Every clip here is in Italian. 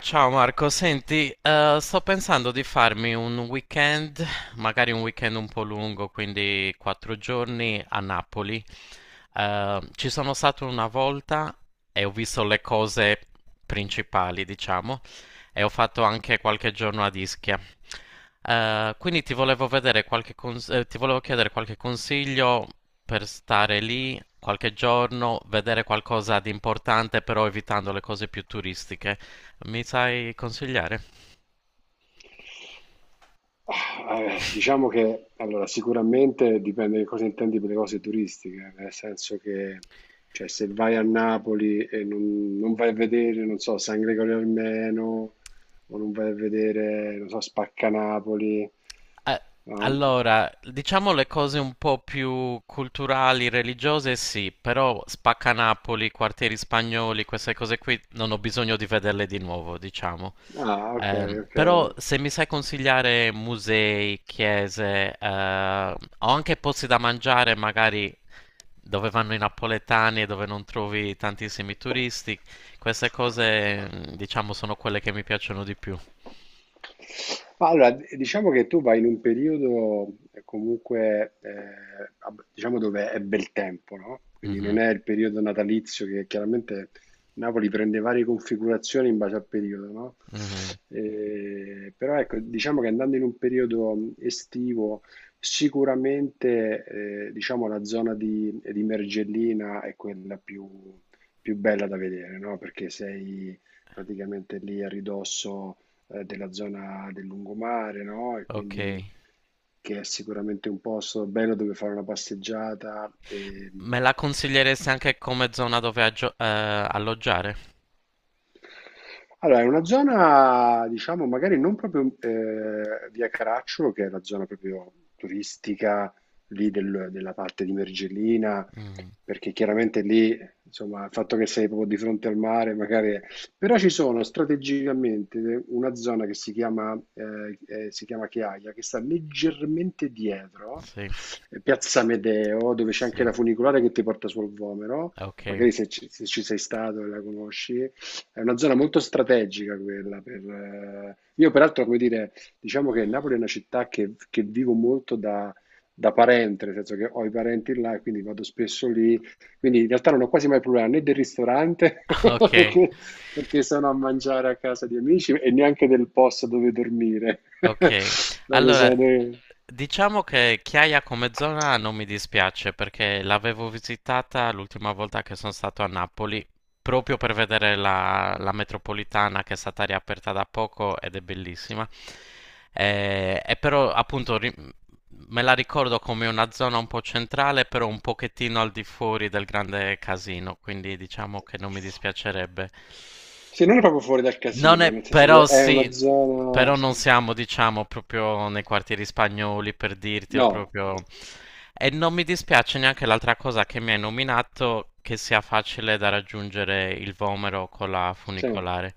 Ciao Marco, senti, sto pensando di farmi un weekend, magari un weekend un po' lungo, quindi 4 giorni a Napoli. Ci sono stato una volta e ho visto le cose principali, diciamo, e ho fatto anche qualche giorno a Ischia. Quindi ti volevo vedere ti volevo chiedere qualche consiglio per stare lì qualche giorno, vedere qualcosa di importante, però evitando le cose più turistiche. Mi sai consigliare? Diciamo che allora, sicuramente dipende che cosa intendi per le cose turistiche, nel senso che cioè, se vai a Napoli e non vai a vedere, non so, San Gregorio Armeno, o non vai a vedere, non so, Spaccanapoli, Eh, no? Allora, diciamo le cose un po' più culturali, religiose, sì, però Spaccanapoli, quartieri spagnoli, queste cose qui non ho bisogno di vederle di nuovo, diciamo. Ah, ok, ok. Però se mi sai consigliare musei, chiese, o anche posti da mangiare, magari dove vanno i napoletani e dove non trovi tantissimi turisti, queste cose, diciamo, sono quelle che mi piacciono di più. Ma allora, diciamo che tu vai in un periodo comunque, diciamo dove è bel tempo, no? Quindi non Mhm, è il periodo natalizio che chiaramente Napoli prende varie configurazioni in base al periodo, no? mhm, Però ecco, diciamo che andando in un periodo estivo, sicuramente, diciamo la zona di Mergellina è quella più, più bella da vedere, no? Perché sei praticamente lì a ridosso della zona del lungomare, no? E ok. quindi che è sicuramente un posto bello dove fare una passeggiata e Me la consiglieresti anche come zona dove alloggiare? allora è una zona, diciamo, magari non proprio via Caracciolo, che è la zona proprio turistica lì della parte di Mergellina, Mm, perché chiaramente lì, insomma, il fatto che sei proprio di fronte al mare, magari è. Però ci sono strategicamente una zona che si chiama Chiaia, che sta leggermente dietro, sì, Piazza Medeo, dove c'è anche sì, la funicolare che ti porta sul Vomero, ok, magari se se ci sei stato e la conosci. È una zona molto strategica quella per, io peraltro, come dire, diciamo che Napoli è una città che vivo molto da, da parente, nel senso che ho i parenti là e quindi vado spesso lì. Quindi in realtà non ho quasi mai problema né del ristorante, ok. perché, perché sono a mangiare a casa di amici, e neanche del posto dove dormire. Ok, Dai, che allora sono dei. diciamo che Chiaia come zona non mi dispiace perché l'avevo visitata l'ultima volta che sono stato a Napoli proprio per vedere la metropolitana che è stata riaperta da poco ed è bellissima. Però appunto me la ricordo come una zona un po' centrale, però un pochettino al di fuori del grande casino, quindi diciamo che non mi dispiacerebbe. Sì, non è proprio fuori dal Non casino, è, nel senso che però è una sì, zona. però non siamo, diciamo, proprio nei quartieri spagnoli per dirti, o No, no. proprio... E non mi dispiace neanche l'altra cosa che mi hai nominato, che sia facile da raggiungere il Vomero con la Sì. funicolare.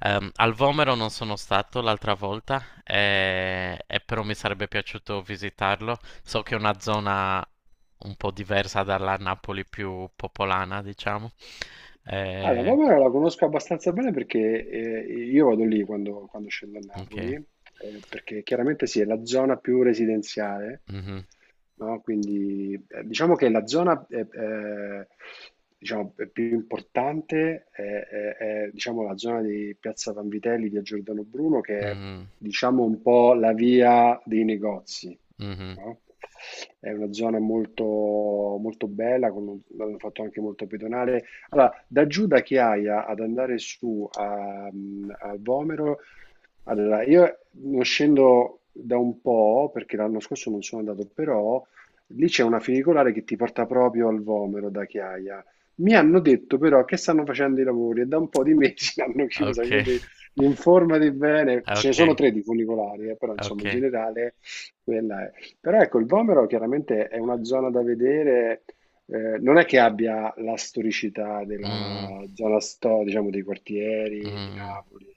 Al Vomero non sono stato l'altra volta, e però mi sarebbe piaciuto visitarlo. So che è una zona un po' diversa dalla Napoli più popolana, diciamo. Allora, Eh, Vomero la conosco abbastanza bene perché io vado lì quando, quando scendo a Napoli, ok. Perché chiaramente sì, è la zona più residenziale, Mhm. no? Quindi diciamo che la zona diciamo, più importante è, diciamo, la zona di Piazza Vanvitelli, via Giordano Bruno, che è Mh-mh, diciamo un po' la via dei negozi, mh-mh. no? È una zona molto, molto bella, con un l'hanno fatto anche molto pedonale. Allora, da giù da Chiaia ad andare su a, a Vomero, allora io non scendo da un po', perché l'anno scorso non sono andato, però lì c'è una funicolare che ti porta proprio al Vomero da Chiaia. Mi hanno detto però che stanno facendo i lavori e da un po' di mesi l'hanno chiusa, Okay, quindi informati bene. Ce ne sono okay, tre di funicolari, però insomma in okay. generale quella è. Però ecco, il Vomero chiaramente è una zona da vedere non è che abbia la storicità Mh, della zona sto, diciamo, dei quartieri di mh, Napoli,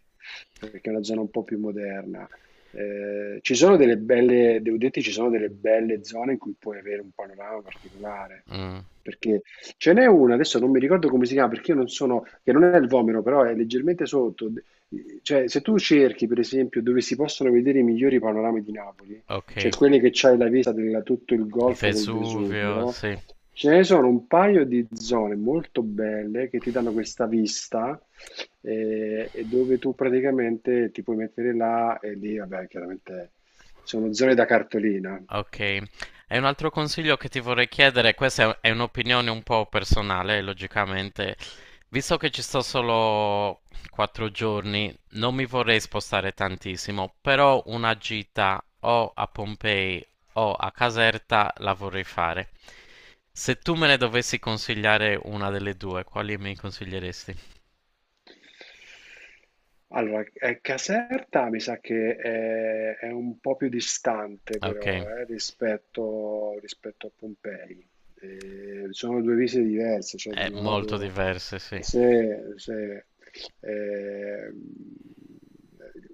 perché è una zona un po' più moderna. Ci sono delle belle, devo dirti, ci sono delle belle zone in cui puoi avere un panorama particolare, mh, perché ce n'è una, adesso non mi ricordo come si chiama, perché io non sono, che non è il Vomero, però è leggermente sotto. Cioè, se tu cerchi, per esempio, dove si possono vedere i migliori panorami di Napoli, cioè okay. quelli che c'hai la vista di tutto il Il golfo col Vesuvio, Vesuvio, sì. ce ne sono un paio di zone molto belle che ti danno questa vista e dove tu praticamente ti puoi mettere là e lì, vabbè, chiaramente sono zone da cartolina. Ok, e un altro consiglio che ti vorrei chiedere, questa è è un'opinione un po' personale, logicamente, visto che ci sto solo 4 giorni, non mi vorrei spostare tantissimo, però una gita o a Pompei o a Caserta la vorrei fare. Se tu me ne dovessi consigliare una delle due, quali mi consiglieresti? Allora, Caserta mi sa che è un po' più distante Ok, però, rispetto a Pompei. Sono 2 visite diverse, cioè da è un molto lato diverse, sì. se se, ehm,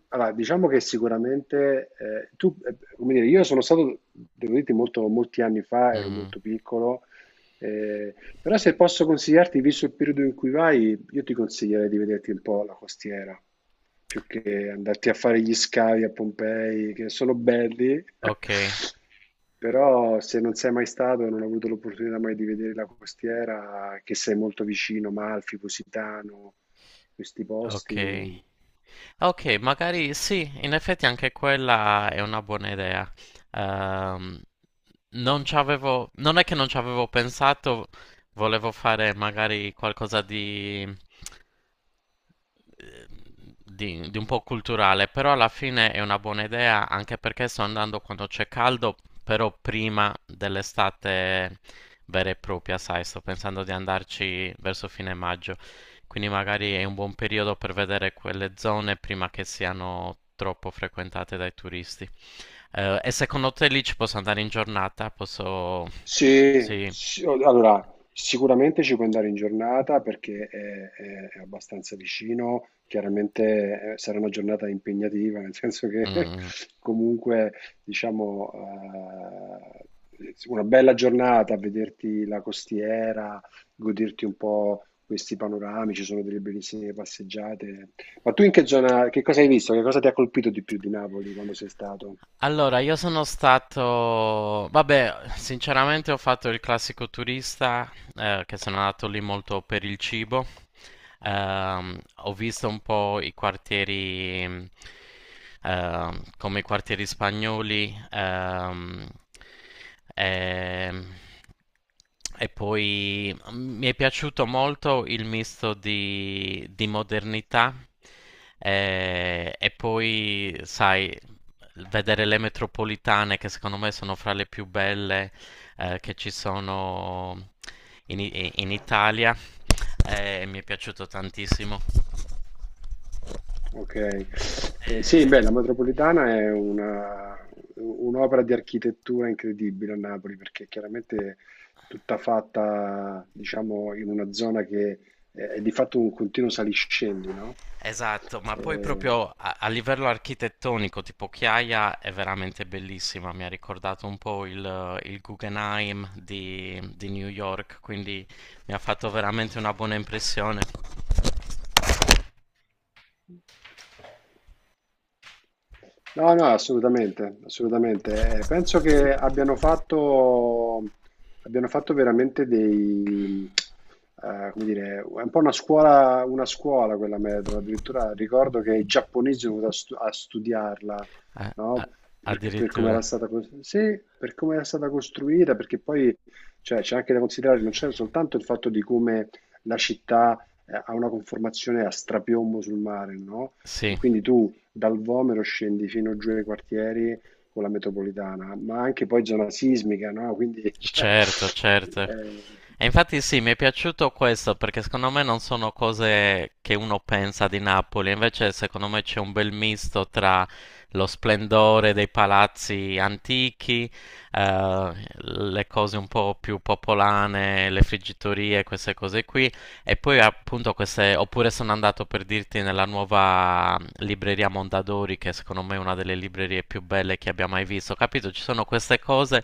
allora diciamo che sicuramente, tu come dire, io sono stato, devo dirti molto molti anni fa, ero Mhm. molto piccolo, eh, però se posso consigliarti, visto il periodo in cui vai, io ti consiglierei di vederti un po' la costiera, più che andarti a fare gli scavi a Pompei, che sono belli, Ok, però se non sei mai stato e non hai avuto l'opportunità mai di vedere la costiera, che sei molto vicino, Malfi, Positano, questi ok. posti. Ok, magari sì, in effetti anche quella è una buona idea. Ehm, Non è che non ci avevo pensato, volevo fare magari qualcosa di un po' culturale, però alla fine è una buona idea anche perché sto andando quando c'è caldo, però prima dell'estate vera e propria, sai, sto pensando di andarci verso fine maggio, quindi magari è un buon periodo per vedere quelle zone prima che siano troppo frequentate dai turisti. E secondo te lì ci posso andare in giornata? Posso... Sì. Allora sicuramente ci puoi andare in giornata perché è, è abbastanza vicino, chiaramente sarà una giornata impegnativa, nel senso che Mm, comunque diciamo una bella giornata, vederti la costiera, goderti un po' questi panorami, ci sono delle bellissime passeggiate. Ma tu in che zona, che cosa hai visto? Che cosa ti ha colpito di più di Napoli quando sei stato? Allora, io sono stato... Vabbè, sinceramente ho fatto il classico turista, che sono andato lì molto per il cibo. Ho visto un po' i quartieri, come i quartieri spagnoli, ehm, e poi mi è piaciuto molto il misto di modernità e poi, sai, vedere le metropolitane che secondo me sono fra le più belle che ci sono in Italia, mi è piaciuto tantissimo. Ok, eh, sì, Eh, beh, la metropolitana è una un'opera di architettura incredibile a Napoli perché chiaramente è tutta fatta, diciamo, in una zona che è di fatto un continuo saliscendi, no? esatto, ma poi Eh, proprio a livello architettonico, tipo Chiaia è veramente bellissima, mi ha ricordato un po' il Guggenheim di New York, quindi mi ha fatto veramente una buona impressione. no, no, assolutamente, assolutamente. Penso che abbiano fatto veramente dei, come dire, è un po' una scuola quella metro. Addirittura ricordo che i giapponesi sono venuti a, a studiarla, Eh, a- no? Per come Addirittura, era stata, sì, per come era stata costruita, perché poi cioè, c'è anche da considerare, non c'è soltanto il fatto di come la città ha una conformazione a strapiombo sul mare, no? E sì. quindi tu dal Vomero scendi fino giù ai quartieri con la metropolitana, ma anche poi zona sismica, no? Quindi, cioè, Certo, certo. eh, E infatti sì, mi è piaciuto questo perché secondo me non sono cose che uno pensa di Napoli, invece secondo me c'è un bel misto tra lo splendore dei palazzi antichi, le cose un po' più popolane, le friggitorie, queste cose qui, e poi appunto queste, oppure sono andato per dirti nella nuova libreria Mondadori, che secondo me è una delle librerie più belle che abbia mai visto. Capito? Ci sono queste cose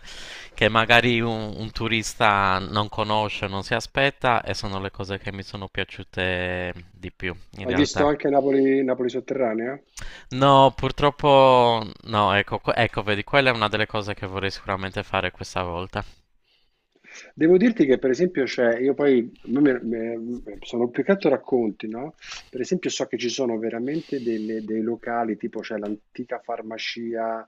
che magari un turista non conosce, non si aspetta, e sono le cose che mi sono piaciute di più, in hai visto realtà. anche Napoli, Napoli sotterranea? No, purtroppo no, ecco, ecco, vedi, quella è una delle cose che vorrei sicuramente fare questa volta. Devo dirti che per esempio c'è, io poi sono più che altro racconti, no? Per esempio so che ci sono veramente dei locali, tipo c'è l'antica farmacia,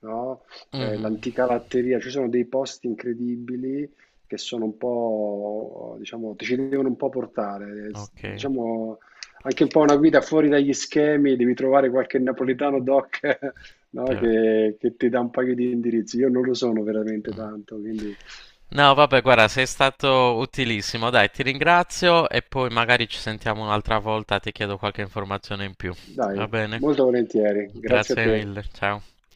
no? Mhm, L'antica latteria, ci sono dei posti incredibili che sono un po', diciamo, ti ci devono un po' portare, ok. diciamo anche un po' una guida fuori dagli schemi, devi trovare qualche napoletano doc, no? te- Che ti dà un paio di indirizzi. Io non lo sono veramente mm. tanto, quindi. No, vabbè, guarda, sei stato utilissimo. Dai, ti ringrazio e poi magari ci sentiamo un'altra volta, ti chiedo qualche informazione in più. Dai, Va bene? molto volentieri, grazie a Grazie te. mille, ciao.